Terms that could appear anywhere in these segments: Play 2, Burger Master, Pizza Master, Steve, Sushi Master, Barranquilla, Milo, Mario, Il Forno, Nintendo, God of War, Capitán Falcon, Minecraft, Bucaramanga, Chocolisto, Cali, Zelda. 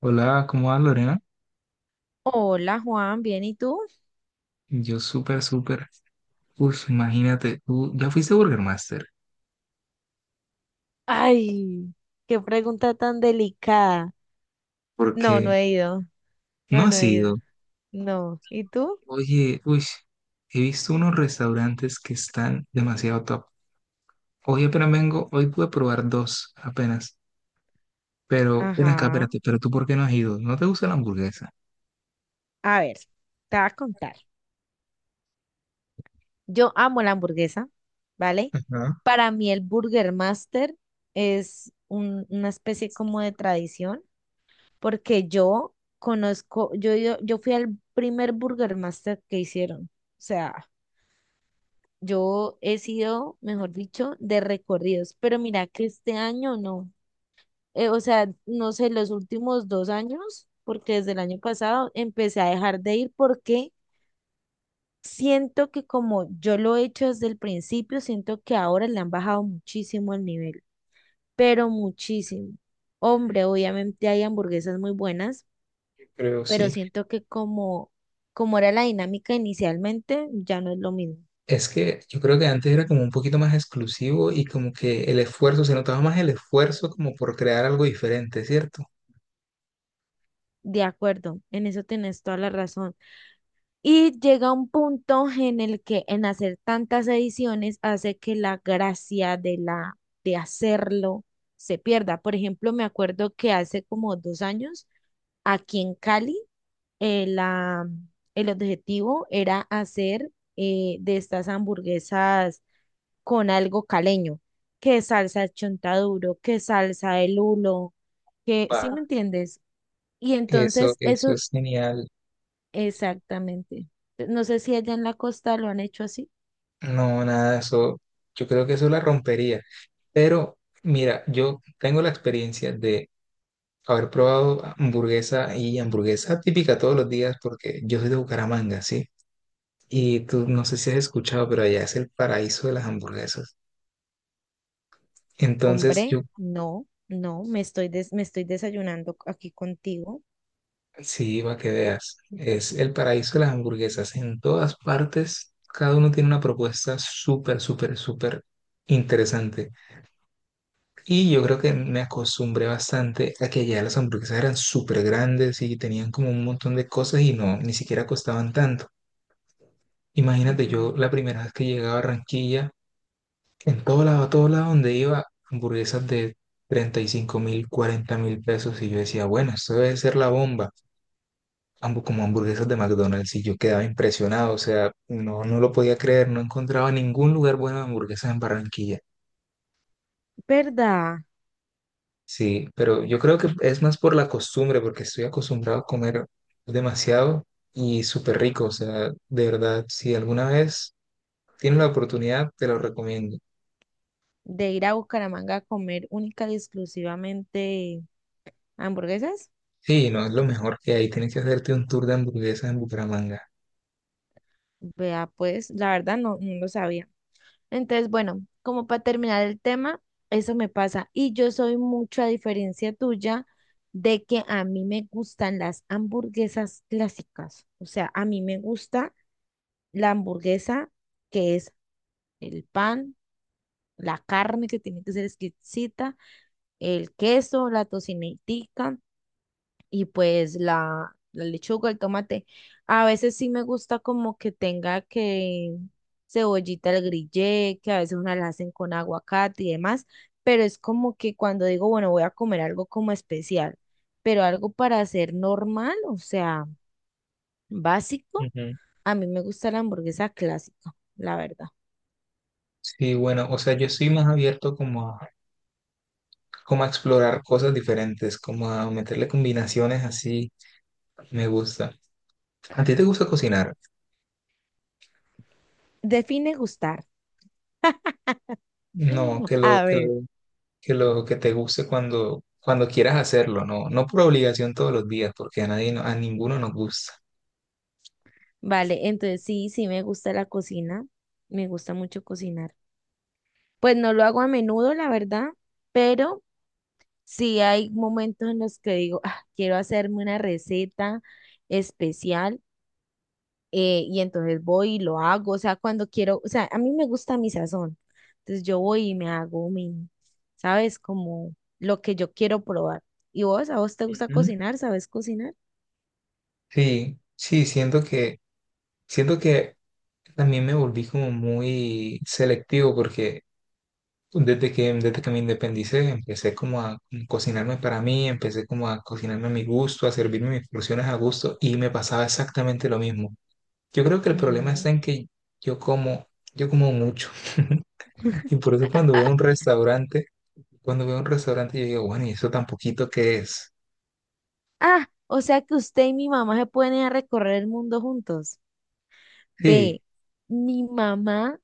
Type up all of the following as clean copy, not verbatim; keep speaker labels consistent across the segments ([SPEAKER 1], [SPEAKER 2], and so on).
[SPEAKER 1] Hola, ¿cómo vas, Lorena?
[SPEAKER 2] Hola Juan, ¿bien y tú?
[SPEAKER 1] Yo súper, súper. Uf, imagínate, tú ya fuiste a Burger Master,
[SPEAKER 2] Ay, qué pregunta tan delicada. No, no
[SPEAKER 1] porque
[SPEAKER 2] he ido.
[SPEAKER 1] no
[SPEAKER 2] No, no
[SPEAKER 1] has
[SPEAKER 2] he ido.
[SPEAKER 1] ido.
[SPEAKER 2] No. ¿Y tú?
[SPEAKER 1] Oye, uy, he visto unos restaurantes que están demasiado top. Hoy apenas vengo, hoy pude probar dos apenas. Pero, ven acá,
[SPEAKER 2] Ajá.
[SPEAKER 1] espérate, pero tú ¿por qué no has ido? ¿No te gusta la hamburguesa?
[SPEAKER 2] A ver, te voy a contar. Yo amo la hamburguesa, ¿vale?
[SPEAKER 1] Ajá,
[SPEAKER 2] Para mí el Burger Master es una especie como de tradición, porque yo conozco, yo fui al primer Burger Master que hicieron. O sea, yo he sido, mejor dicho, de recorridos, pero mira que este año no. O sea, no sé, los últimos dos años, porque desde el año pasado empecé a dejar de ir porque siento que como yo lo he hecho desde el principio, siento que ahora le han bajado muchísimo el nivel, pero muchísimo. Hombre, obviamente hay hamburguesas muy buenas,
[SPEAKER 1] yo creo
[SPEAKER 2] pero
[SPEAKER 1] sí.
[SPEAKER 2] siento que como era la dinámica inicialmente, ya no es lo mismo.
[SPEAKER 1] Es que yo creo que antes era como un poquito más exclusivo y como que el esfuerzo, se notaba más el esfuerzo como por crear algo diferente, ¿cierto?
[SPEAKER 2] De acuerdo, en eso tenés toda la razón. Y llega un punto en el que en hacer tantas ediciones hace que la gracia de la de hacerlo se pierda. Por ejemplo, me acuerdo que hace como dos años aquí en Cali eh, la- el objetivo era hacer de estas hamburguesas con algo caleño, que salsa chontaduro, que salsa el hulo, que, ¿sí
[SPEAKER 1] Va.
[SPEAKER 2] me entiendes? Y
[SPEAKER 1] Eso,
[SPEAKER 2] entonces
[SPEAKER 1] eso
[SPEAKER 2] eso
[SPEAKER 1] es genial.
[SPEAKER 2] exactamente. No sé si allá en la costa lo han hecho así.
[SPEAKER 1] No, nada, eso, yo creo que eso la rompería. Pero mira, yo tengo la experiencia de haber probado hamburguesa y hamburguesa típica todos los días porque yo soy de Bucaramanga, ¿sí? Y tú, no sé si has escuchado, pero allá es el paraíso de las hamburguesas. Entonces,
[SPEAKER 2] Hombre,
[SPEAKER 1] yo
[SPEAKER 2] no, no, me estoy desayunando aquí contigo.
[SPEAKER 1] sí, iba que veas, es el paraíso de las hamburguesas. En todas partes, cada uno tiene una propuesta súper, súper, súper interesante. Y yo creo que me acostumbré bastante a que allá las hamburguesas eran súper grandes y tenían como un montón de cosas y no, ni siquiera costaban tanto. Imagínate, yo
[SPEAKER 2] Ujú.
[SPEAKER 1] la primera vez que llegué a Barranquilla, en todo lado, a todo lado donde iba, hamburguesas de 35.000, 40.000 pesos. Y yo decía, bueno, esto debe ser la bomba. Ambos como hamburguesas de McDonald's. Y yo quedaba impresionado. O sea, no, no lo podía creer. No encontraba ningún lugar bueno de hamburguesas en Barranquilla.
[SPEAKER 2] ¿Verdad?
[SPEAKER 1] Sí, pero yo creo que es más por la costumbre, porque estoy acostumbrado a comer demasiado y súper rico. O sea, de verdad, si alguna vez tienes la oportunidad, te lo recomiendo.
[SPEAKER 2] De ir a Bucaramanga a comer única y exclusivamente hamburguesas.
[SPEAKER 1] Sí, no es lo mejor que hay. Tienes que hacerte un tour de hamburguesas en Bucaramanga.
[SPEAKER 2] Vea, pues, la verdad no, no lo sabía. Entonces, bueno, como para terminar el tema, eso me pasa. Y yo soy mucho, a diferencia tuya, de que a mí me gustan las hamburguesas clásicas. O sea, a mí me gusta la hamburguesa que es el pan, la carne que tiene que ser exquisita, el queso, la tocinetica y pues la lechuga, el tomate. A veces sí me gusta como que tenga que cebollita al grillé, que a veces una la hacen con aguacate y demás, pero es como que cuando digo, bueno, voy a comer algo como especial, pero algo para hacer normal, o sea, básico,
[SPEAKER 1] Ujú.
[SPEAKER 2] a mí me gusta la hamburguesa clásica, la verdad.
[SPEAKER 1] Sí, bueno, o sea, yo soy más abierto como a, como a explorar cosas diferentes, como a meterle combinaciones así, me gusta. ¿A ti te gusta cocinar?
[SPEAKER 2] Define gustar.
[SPEAKER 1] No, que lo
[SPEAKER 2] A
[SPEAKER 1] que lo
[SPEAKER 2] ver.
[SPEAKER 1] que, lo que te guste cuando quieras hacerlo, no, no por obligación todos los días, porque a nadie, a ninguno nos gusta.
[SPEAKER 2] Vale, entonces sí, sí me gusta la cocina, me gusta mucho cocinar. Pues no lo hago a menudo, la verdad, pero sí hay momentos en los que digo, "Ah, quiero hacerme una receta especial y entonces voy y lo hago, o sea, cuando quiero, o sea, a mí me gusta mi sazón, entonces yo voy y me hago mi, ¿sabes? Como lo que yo quiero probar. ¿Y vos, a vos te gusta
[SPEAKER 1] Ujú.
[SPEAKER 2] cocinar? ¿Sabes cocinar?
[SPEAKER 1] Sí, sí, siento que también me volví como muy selectivo porque desde que me independicé, empecé como a cocinarme para mí, empecé como a cocinarme a mi gusto, a servirme mis porciones a gusto y me pasaba exactamente lo mismo. Yo creo que el problema
[SPEAKER 2] Ajá.
[SPEAKER 1] está en que yo como, yo como mucho y por eso cuando veo un restaurante, cuando veo un restaurante yo digo, bueno, ¿y eso tan poquito que es?
[SPEAKER 2] Ah, o sea que usted y mi mamá se pueden ir a recorrer el mundo juntos. Ve,
[SPEAKER 1] Sí,
[SPEAKER 2] mi mamá,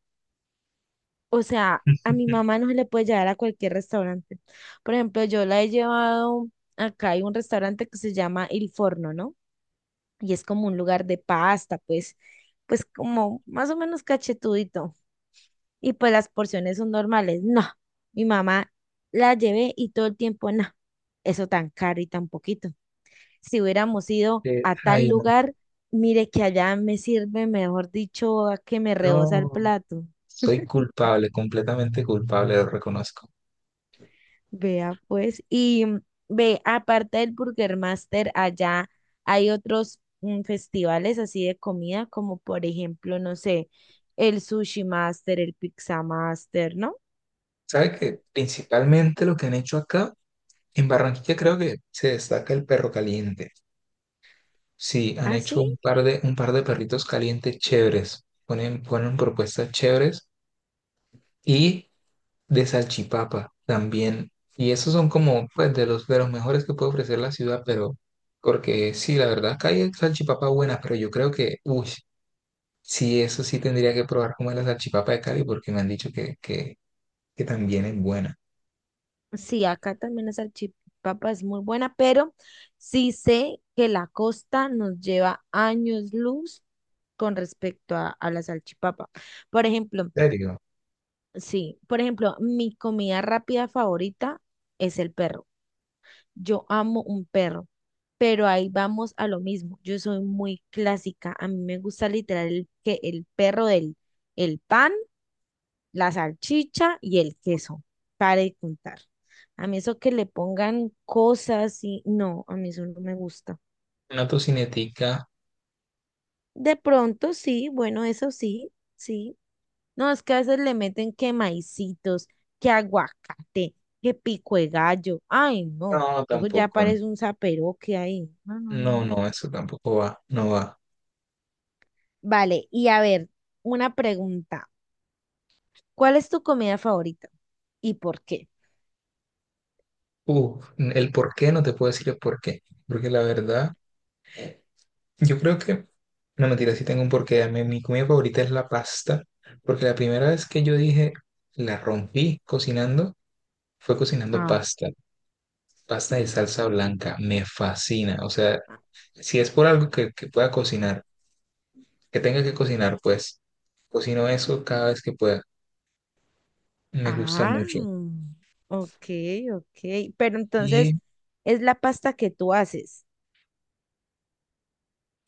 [SPEAKER 2] o sea, a mi mamá no se le puede llevar a cualquier restaurante. Por ejemplo, yo la he llevado, acá hay un restaurante que se llama Il Forno, ¿no? Y es como un lugar de pasta, pues, pues como más o menos cachetudito. Y pues las porciones son normales. No, mi mamá la llevé y todo el tiempo, no, eso tan caro y tan poquito. Si hubiéramos ido a tal
[SPEAKER 1] ay, no,
[SPEAKER 2] lugar, mire que allá me sirve, mejor dicho, a que me rebosa el
[SPEAKER 1] no,
[SPEAKER 2] plato.
[SPEAKER 1] soy culpable, completamente culpable, lo reconozco.
[SPEAKER 2] Vea pues, y ve, aparte del Burger Master, allá hay otros festivales así de comida, como por ejemplo, no sé, el Sushi Master, el Pizza Master, ¿no?
[SPEAKER 1] ¿Sabe que principalmente lo que han hecho acá? En Barranquilla creo que se destaca el perro caliente. Sí, han
[SPEAKER 2] Ah, sí.
[SPEAKER 1] hecho un par de perritos calientes chéveres. Ponen propuestas chéveres y de salchipapa también. Y esos son como pues, de los mejores que puede ofrecer la ciudad, pero porque sí, la verdad, acá hay salchipapa buenas, pero yo creo que, uy, sí, eso sí tendría que probar como es la salchipapa de Cali porque me han dicho que también es buena.
[SPEAKER 2] Sí, acá también la salchipapa es muy buena, pero sí sé que la costa nos lleva años luz con respecto a la salchipapa. Por ejemplo,
[SPEAKER 1] ¿En serio?
[SPEAKER 2] sí, por ejemplo, mi comida rápida favorita es el perro. Yo amo un perro. Pero ahí vamos a lo mismo. Yo soy muy clásica. A mí me gusta literal el, que el perro del el pan, la salchicha y el queso. Para de contar. A mí eso que le pongan cosas y no, a mí eso no me gusta.
[SPEAKER 1] Una tocinetica,
[SPEAKER 2] De pronto sí, bueno, eso sí, sí. No, es que a veces le meten que maicitos, que aguacate, que pico de gallo. Ay, no.
[SPEAKER 1] no,
[SPEAKER 2] Luego ya
[SPEAKER 1] tampoco. No.
[SPEAKER 2] parece un que ahí. No, no,
[SPEAKER 1] No,
[SPEAKER 2] no.
[SPEAKER 1] no, eso tampoco va, no va.
[SPEAKER 2] Vale, y a ver, una pregunta. ¿Cuál es tu comida favorita y por qué?
[SPEAKER 1] Uf, el por qué no te puedo decir el por qué, porque la verdad, yo creo que, no mentira, sí tengo un porqué. A mí, mi comida favorita es la pasta, porque la primera vez que yo dije, la rompí cocinando, fue cocinando
[SPEAKER 2] Ah,
[SPEAKER 1] pasta, pasta de salsa blanca, me fascina. O sea, si es por algo que pueda cocinar, que tenga que cocinar, pues cocino eso cada vez que pueda, me gusta
[SPEAKER 2] ah,
[SPEAKER 1] mucho.
[SPEAKER 2] ok, ok. Pero entonces
[SPEAKER 1] Y
[SPEAKER 2] es la pasta que tú haces.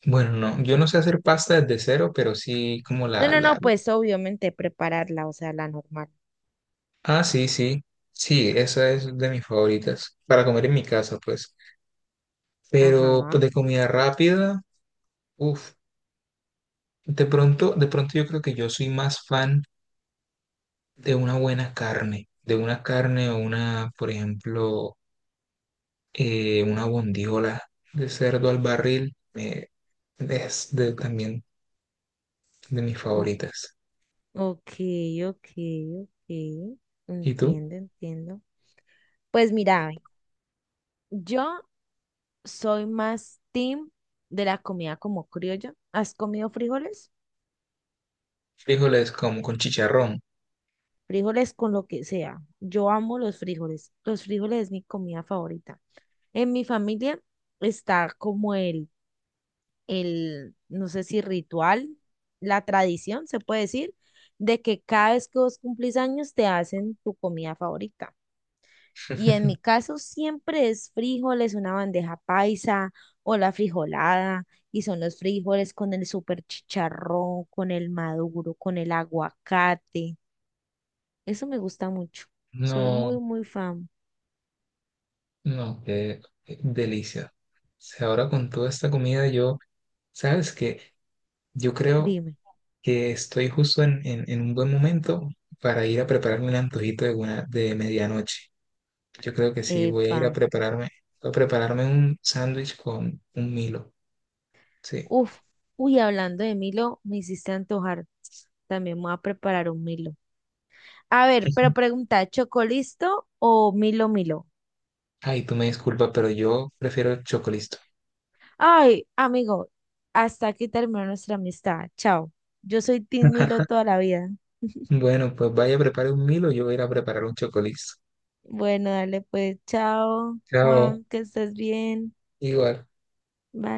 [SPEAKER 1] bueno, no, yo no sé hacer pasta desde cero, pero sí como
[SPEAKER 2] No,
[SPEAKER 1] la,
[SPEAKER 2] no,
[SPEAKER 1] la,
[SPEAKER 2] no, pues obviamente prepararla, o sea, la normal.
[SPEAKER 1] Ah, sí, sí, sí, esa es de mis favoritas, para comer en mi casa, pues. Pero pues,
[SPEAKER 2] Ajá.
[SPEAKER 1] de comida rápida, uff, de pronto yo creo que yo soy más fan de una buena carne, de una carne o una, por ejemplo, una bondiola de cerdo al barril, es también de mis
[SPEAKER 2] O-
[SPEAKER 1] favoritas.
[SPEAKER 2] ok, ok, ok.
[SPEAKER 1] ¿Y tú?
[SPEAKER 2] Entiendo, entiendo. Pues mira, yo soy más team de la comida como criolla. ¿Has comido frijoles?
[SPEAKER 1] Frijoles como con chicharrón.
[SPEAKER 2] Frijoles con lo que sea. Yo amo los frijoles. Los frijoles es mi comida favorita. En mi familia está como no sé si ritual, la tradición, se puede decir, de que cada vez que vos cumplís años te hacen tu comida favorita. Y en mi caso siempre es frijoles, una bandeja paisa o la frijolada, y son los frijoles con el super chicharrón, con el maduro, con el aguacate. Eso me gusta mucho. Soy
[SPEAKER 1] No,
[SPEAKER 2] muy, muy fan.
[SPEAKER 1] no, qué delicia. O sea, ahora con toda esta comida yo... Sabes que yo creo
[SPEAKER 2] Dime.
[SPEAKER 1] que estoy justo en un buen momento para ir a prepararme un antojito de medianoche. Yo creo que sí, voy a
[SPEAKER 2] Epa.
[SPEAKER 1] ir a prepararme, un sándwich con un Milo. Sí.
[SPEAKER 2] Uf. Uy, hablando de Milo, me hiciste antojar. También me voy a preparar un Milo. A ver, pero
[SPEAKER 1] Ujú.
[SPEAKER 2] pregunta, ¿chocolisto o Milo Milo?
[SPEAKER 1] Ay, tú me disculpas, pero yo prefiero el chocolisto.
[SPEAKER 2] Ay, amigo, hasta aquí terminó nuestra amistad. Chao. Yo soy Team Milo toda la vida.
[SPEAKER 1] Bueno, pues vaya a preparar un Milo, yo voy a ir a preparar un chocolisto.
[SPEAKER 2] Bueno, dale pues, chao,
[SPEAKER 1] Chao,
[SPEAKER 2] Juan, que estés bien.
[SPEAKER 1] igual.
[SPEAKER 2] Bye.